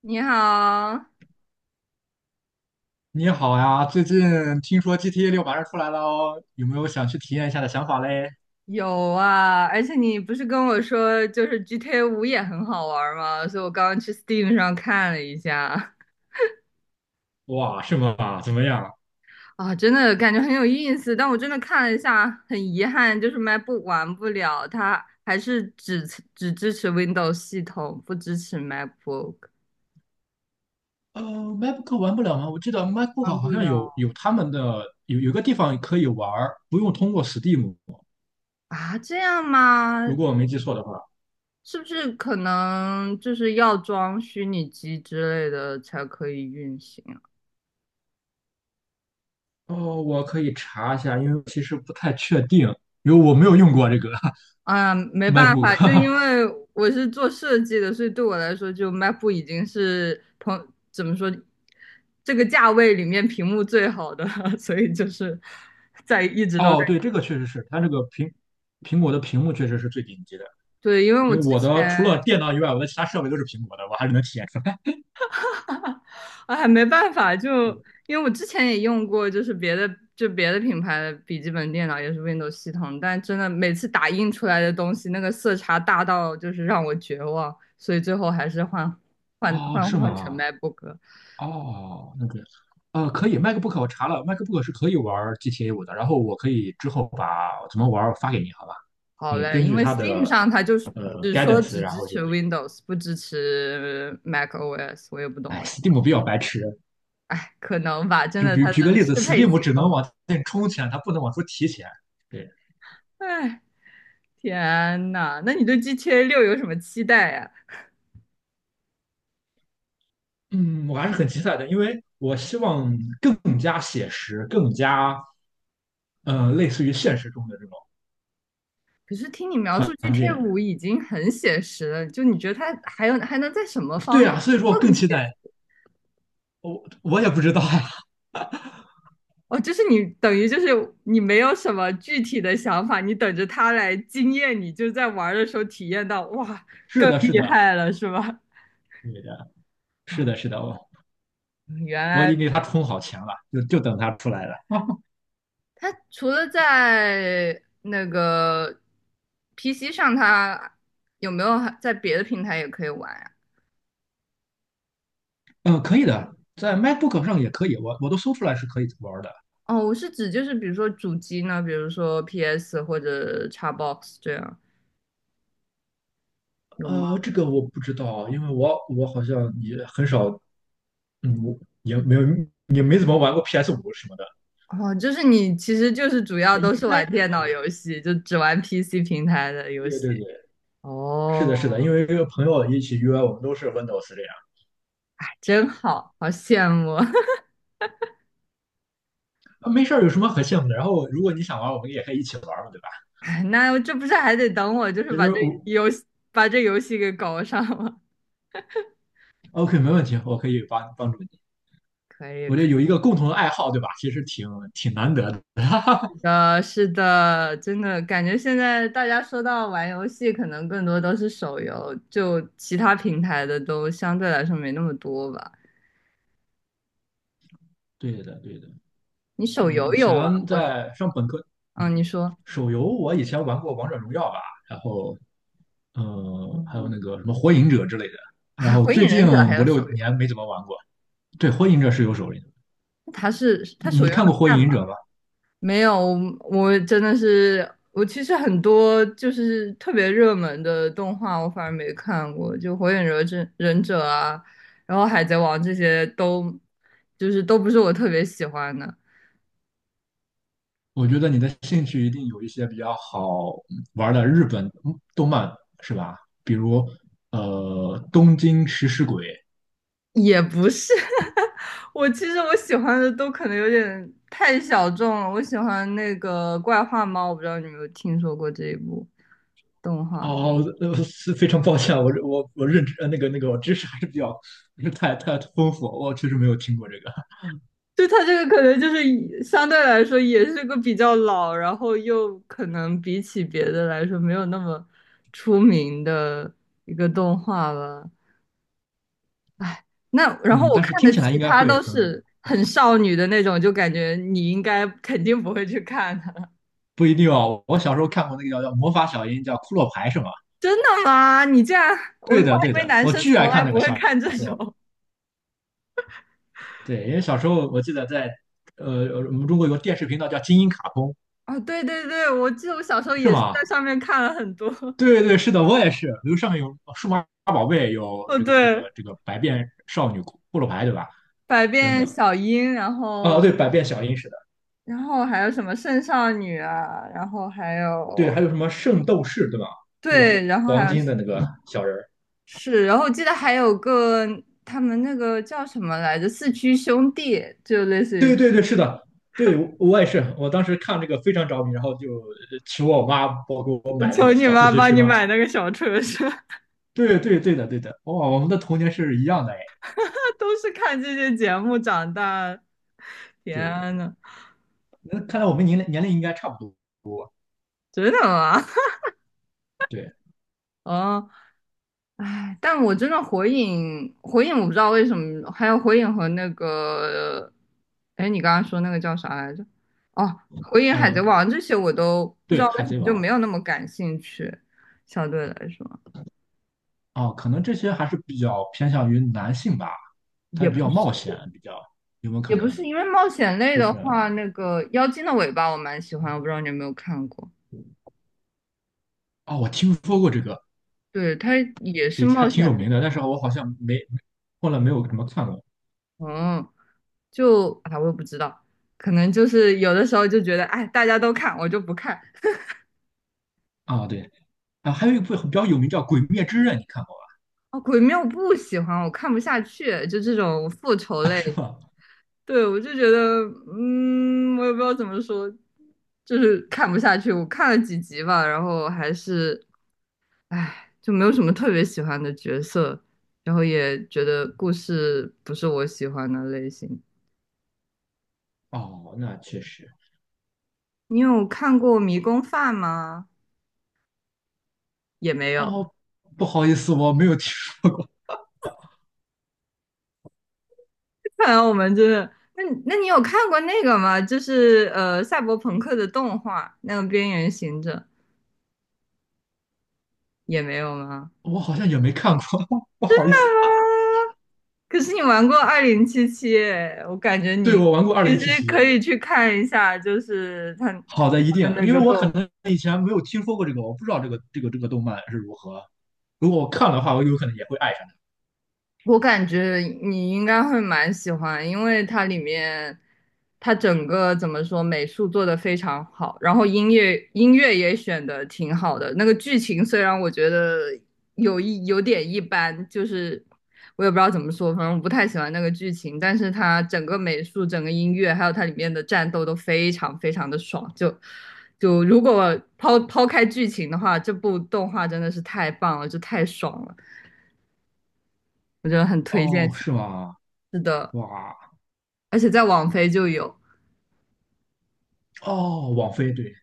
你好。你好呀，最近听说 GTA 六马上出来了哦，有没有想去体验一下的想法嘞？有啊，而且你不是跟我说就是 GTA 五也很好玩儿吗？所以我刚刚去 Steam 上看了一下。哇，是吗？怎么样？啊，真的感觉很有意思，但我真的看了一下，很遗憾，就是 MacBook 玩不了，它还是只支持 Windows 系统，不支持 MacBook，MacBook 玩不了吗？我记得 MacBook 玩好不像有了有他们的有个地方可以玩儿，不用通过 Steam,啊？这样吗？如果我没记错的话。是不是可能就是要装虚拟机之类的才可以运行？哦，我可以查一下，因为其实不太确定，因为我没有用过这个 啊，没办法，就 MacBook。因 为我是做设计的，所以对我来说，就 MacBook 已经是怎么说，这个价位里面屏幕最好的了 所以就是在一直都在。哦，对，这个确实是，它这个苹果的屏幕确实是最顶级的，对，因为因我为之我的除前 了电脑以外，我的其他设备都是苹果的，我还是能体验出来。哎没办法，就因为我之前也用过，就是别的就别的品牌的笔记本电脑也是 Windows 系统，但真的每次打印出来的东西，那个色差大到就是让我绝望，所以最后还是换换哦，换是换成 吗？MacBook 了。哦，那个，可以，MacBook 我查了，MacBook 是可以玩 GTA 五的，然后我可以之后把怎么玩儿发给你，好吧？好你嘞，根因据为 它 Steam 的上它就是只说 guidance,只然支后就持 可以。Windows，不支持 macOS，我也不懂哎，Steam 比较白痴，可能吧，真就的比如它举个的例子适配，Steam 性只不能好。往前充钱，它不能往出提钱。对，哎，天呐，那你对 GTA 6有什么期待呀？嗯，我还是很期待的，因为我希望更加写实，更加类似于现实中的这种可是听你描述 环 GTA 境。五已经很写实了，就你觉得它还能在什么方对面啊，所以说我更更写期实？待。我也不知道呀。哦，就是你等于就是你没有什么具体的想法，你等着它来惊艳你，就在玩儿的时候体验到，哇，是更的，厉是的，害了，是吧？对的，是的，是的，我原我已来经给他充好钱了，就等他出来了。它除了在那个 PC 上，它有没有还在别的平台也可以玩呀？嗯，可以的，在 MacBook 上也可以，我都搜出来是可以玩的。哦，我是指就是比如说主机呢，比如说 PS 或者 Xbox 这样有吗？这个我不知道，因为我好像也很少，嗯，我也没有也没怎么玩过 PS 五什么的，哦，就是你其实就是主要那应都是该玩电可脑以。游戏，就只玩 PC 平台的游对戏。对对，是哦，的，是的，因为这个朋友一起约，我们都是 Windows 这样，真好，好羡慕啊。啊，没事儿，有什么可羡慕的？然后如果你想玩，我们也可以一起玩嘛，对吧？哎，那这不是还得等我，就是其把实这我 游戏把这游戏给搞上吗？OK,没问题，我可以帮助你。可以。我觉可以得有一个共同的爱好，对吧？其实挺难得的。呃，是的，真的感觉现在大家说到玩游戏，可能更多都是手游，就其他平台的都相对来说没那么多吧。对的，对的，你因手为以游有玩前过什么？在上本科，嗯，嗯，你说。手游我以前玩过《王者荣耀》吧，然后还有那嗯。个什么《火影者》之类的，然啊，后火最影近忍者还五有六手游？年没怎么玩过。对，《火影者》是有手游的，它你手你游看能过《火干影嘛？者》吗？没有，我真的是，我其实很多就是特别热门的动画，我反而没看过，就火影忍者啊，然后海贼王这些都，就是都不是我特别喜欢的。我觉得你的兴趣一定有一些比较好玩的日本动漫，是吧？比如东京食尸鬼》也不是，其实我喜欢的都可能有点太小众了。我喜欢那个《怪画猫》，我不知道你有没有听说过这一部动画。哦，是非常抱歉啊，我认知那个我知识还是比较不是太丰富，我确实没有听过这个，就它这个可能就是以相对来说也是个比较老，然后又可能比起别的来说没有那么出名的一个动画吧。唉，那然后嗯，我但是看听的起来其应该他会都很是啊，很少女的那种，就感觉你应该肯定不会去看的。不一定哦。我小时候看过那个叫魔法小樱，叫骷髅牌是吗？真的吗？你这样，我对我的对还以为的，男我生巨从爱来看那不个会小看这时候，种。对，因为小时候我记得在我们中国有个电视频道叫金鹰卡通，啊！对对对，我记得我小时候是也是在吗？上面看了很多。对对是的，我也是，比如上面有数码宝贝，有哦，这个这个对，这个百变少女骷髅牌，对吧？百等变等，小樱。然啊，后对，百变小樱是。的。然后还有什么圣少女啊，然后还对，还有有什么圣斗士，对吧？那个对，然后还黄有金的那个小人儿，是，然后我记得还有个他们那个叫什么来着，四驱兄弟，就类对似对对，是的，对我也是，我当时看这个非常着迷，然后就求我妈帮给我于 买那求个你小四妈驱帮车。你买那个小车车。对对对的对的，哇，我们的童年是一样的哎。都是看这些节目长大。对对，天呐！那看来我们年龄应该差不多。真的啊，对，哦。哎，但我真的火影我不知道为什么，还有火影和那个，哎，你刚刚说那个叫啥来着？哦，火影、海贼呃，王这些我都不知道对，为海什么贼就王没有那么感兴趣，相对来说，啊，可能这些还是比较偏向于男性吧，它也比不较是冒险，比较有没有可也不能？是因为冒险类就的是话，那个《妖精的尾巴》我蛮喜欢，我不知道你有没有看过。啊，我听说过这个，对，它也是对，还冒挺险有类。名的，但是我好像没后来没有怎么看过嗯，就我也不知道。可能就是有的时候就觉得，哎，大家都看，我就不看。啊。对啊，还有一部比较有名叫《鬼灭之刃》，你看过哦，鬼灭我不喜欢，我看不下去，就这种复仇啊 类。是吗？对，我就觉得，嗯，我也不知道怎么说，就是看不下去。我看了几集吧，然后还是，唉，就没有什么特别喜欢的角色，然后也觉得故事不是我喜欢的类型。哦，那确实。你有看过《迷宫饭》吗？也没有。哦，不好意思，我没有听说过，看来我们真的，那你有看过那个吗？就是赛博朋克的动画，那个《边缘行者》也没有吗？我好像也没看过，不 好意思。啊！可是你玩过2077，我感觉你对，我玩过《二其零七实七》。可以去看一下，就是他好的，一他的定，那因个为我可能以前没有听说过这个，我不知道这个动漫是如何。如果我看的话，我有可能也会爱上我感觉你应该会蛮喜欢，因为它里面，它整个怎么说，美术做的非常好，然后音乐也选的挺好的。那个剧情虽然我觉得有点一般，就是我也不知道怎么说，反正我不太喜欢那个剧情，但是它整个美术、整个音乐，还有它里面的战斗都非常非常的爽。就如果抛开剧情的话，这部动画真的是太棒了，就太爽了，我觉得很它。推荐哦，是吗？的。哇，而且在网飞就有。哦，网飞对，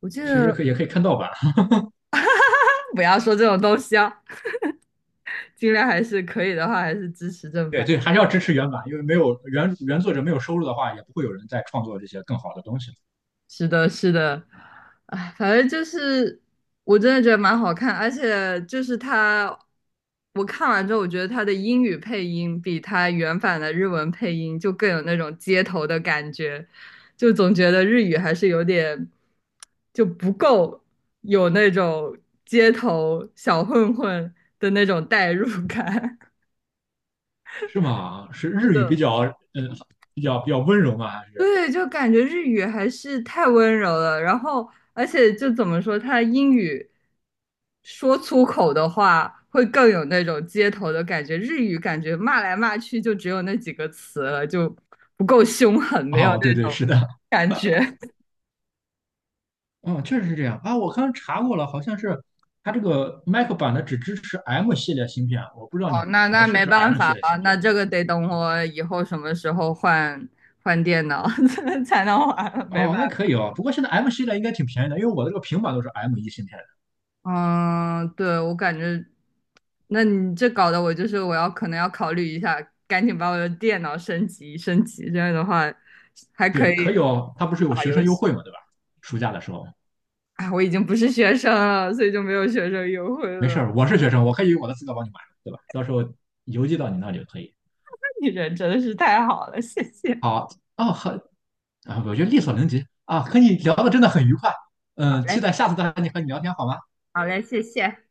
我记其得实可以也可以看盗版。不要说这种东西啊，尽量还是可以的话，还是支持正对版。对，还是要支持原版，因为没有原作者没有收入的话，也不会有人再创作这些更好的东西，是的，是的，哎，反正就是我真的觉得蛮好看，而且就是他，我看完之后，我觉得他的英语配音比他原版的日文配音就更有那种街头的感觉，就总觉得日语还是有点就不够有那种街头小混混的那种代入感。是吗？是 是日语比的。较，嗯，比较温柔吗？还是？对，就感觉日语还是太温柔了，然后而且就怎么说，他英语说粗口的话会更有那种街头的感觉，日语感觉骂来骂去就只有那几个词了，就不够凶狠，没有哦，对那对，种是的，感觉。嗯，确实是这样啊。我刚刚查过了，好像是它这个 Mac 版的只支持 M 系列芯片，我不知道哦，你那你的那是没不是 办 M 法系列了，芯那片。这个得等我以后什么时候换电脑 才能玩了没办哦，那法。可以哦。不过现在 M 系列应该挺便宜的，因为我的这个平板都是 M 一芯片的。嗯，对，我感觉，那你这搞得我就是我要可能要考虑一下，赶紧把我的电脑升级升级，这样的话还可对，可以以哦。它不是有打学游生优戏。惠嘛，对吧？暑假的时候。哎，我已经不是学生了，所以就没有学生优惠没了。事儿，我是学生，我可以用我的资格帮你买，对吧？到时候邮寄到你那里就可以。你人真的是太好了，谢谢。好，哦，很啊，我觉得力所能及啊，和你聊的真的很愉快。好嗯，期嘞，待下次再和你聊天好吗？好嘞，谢谢。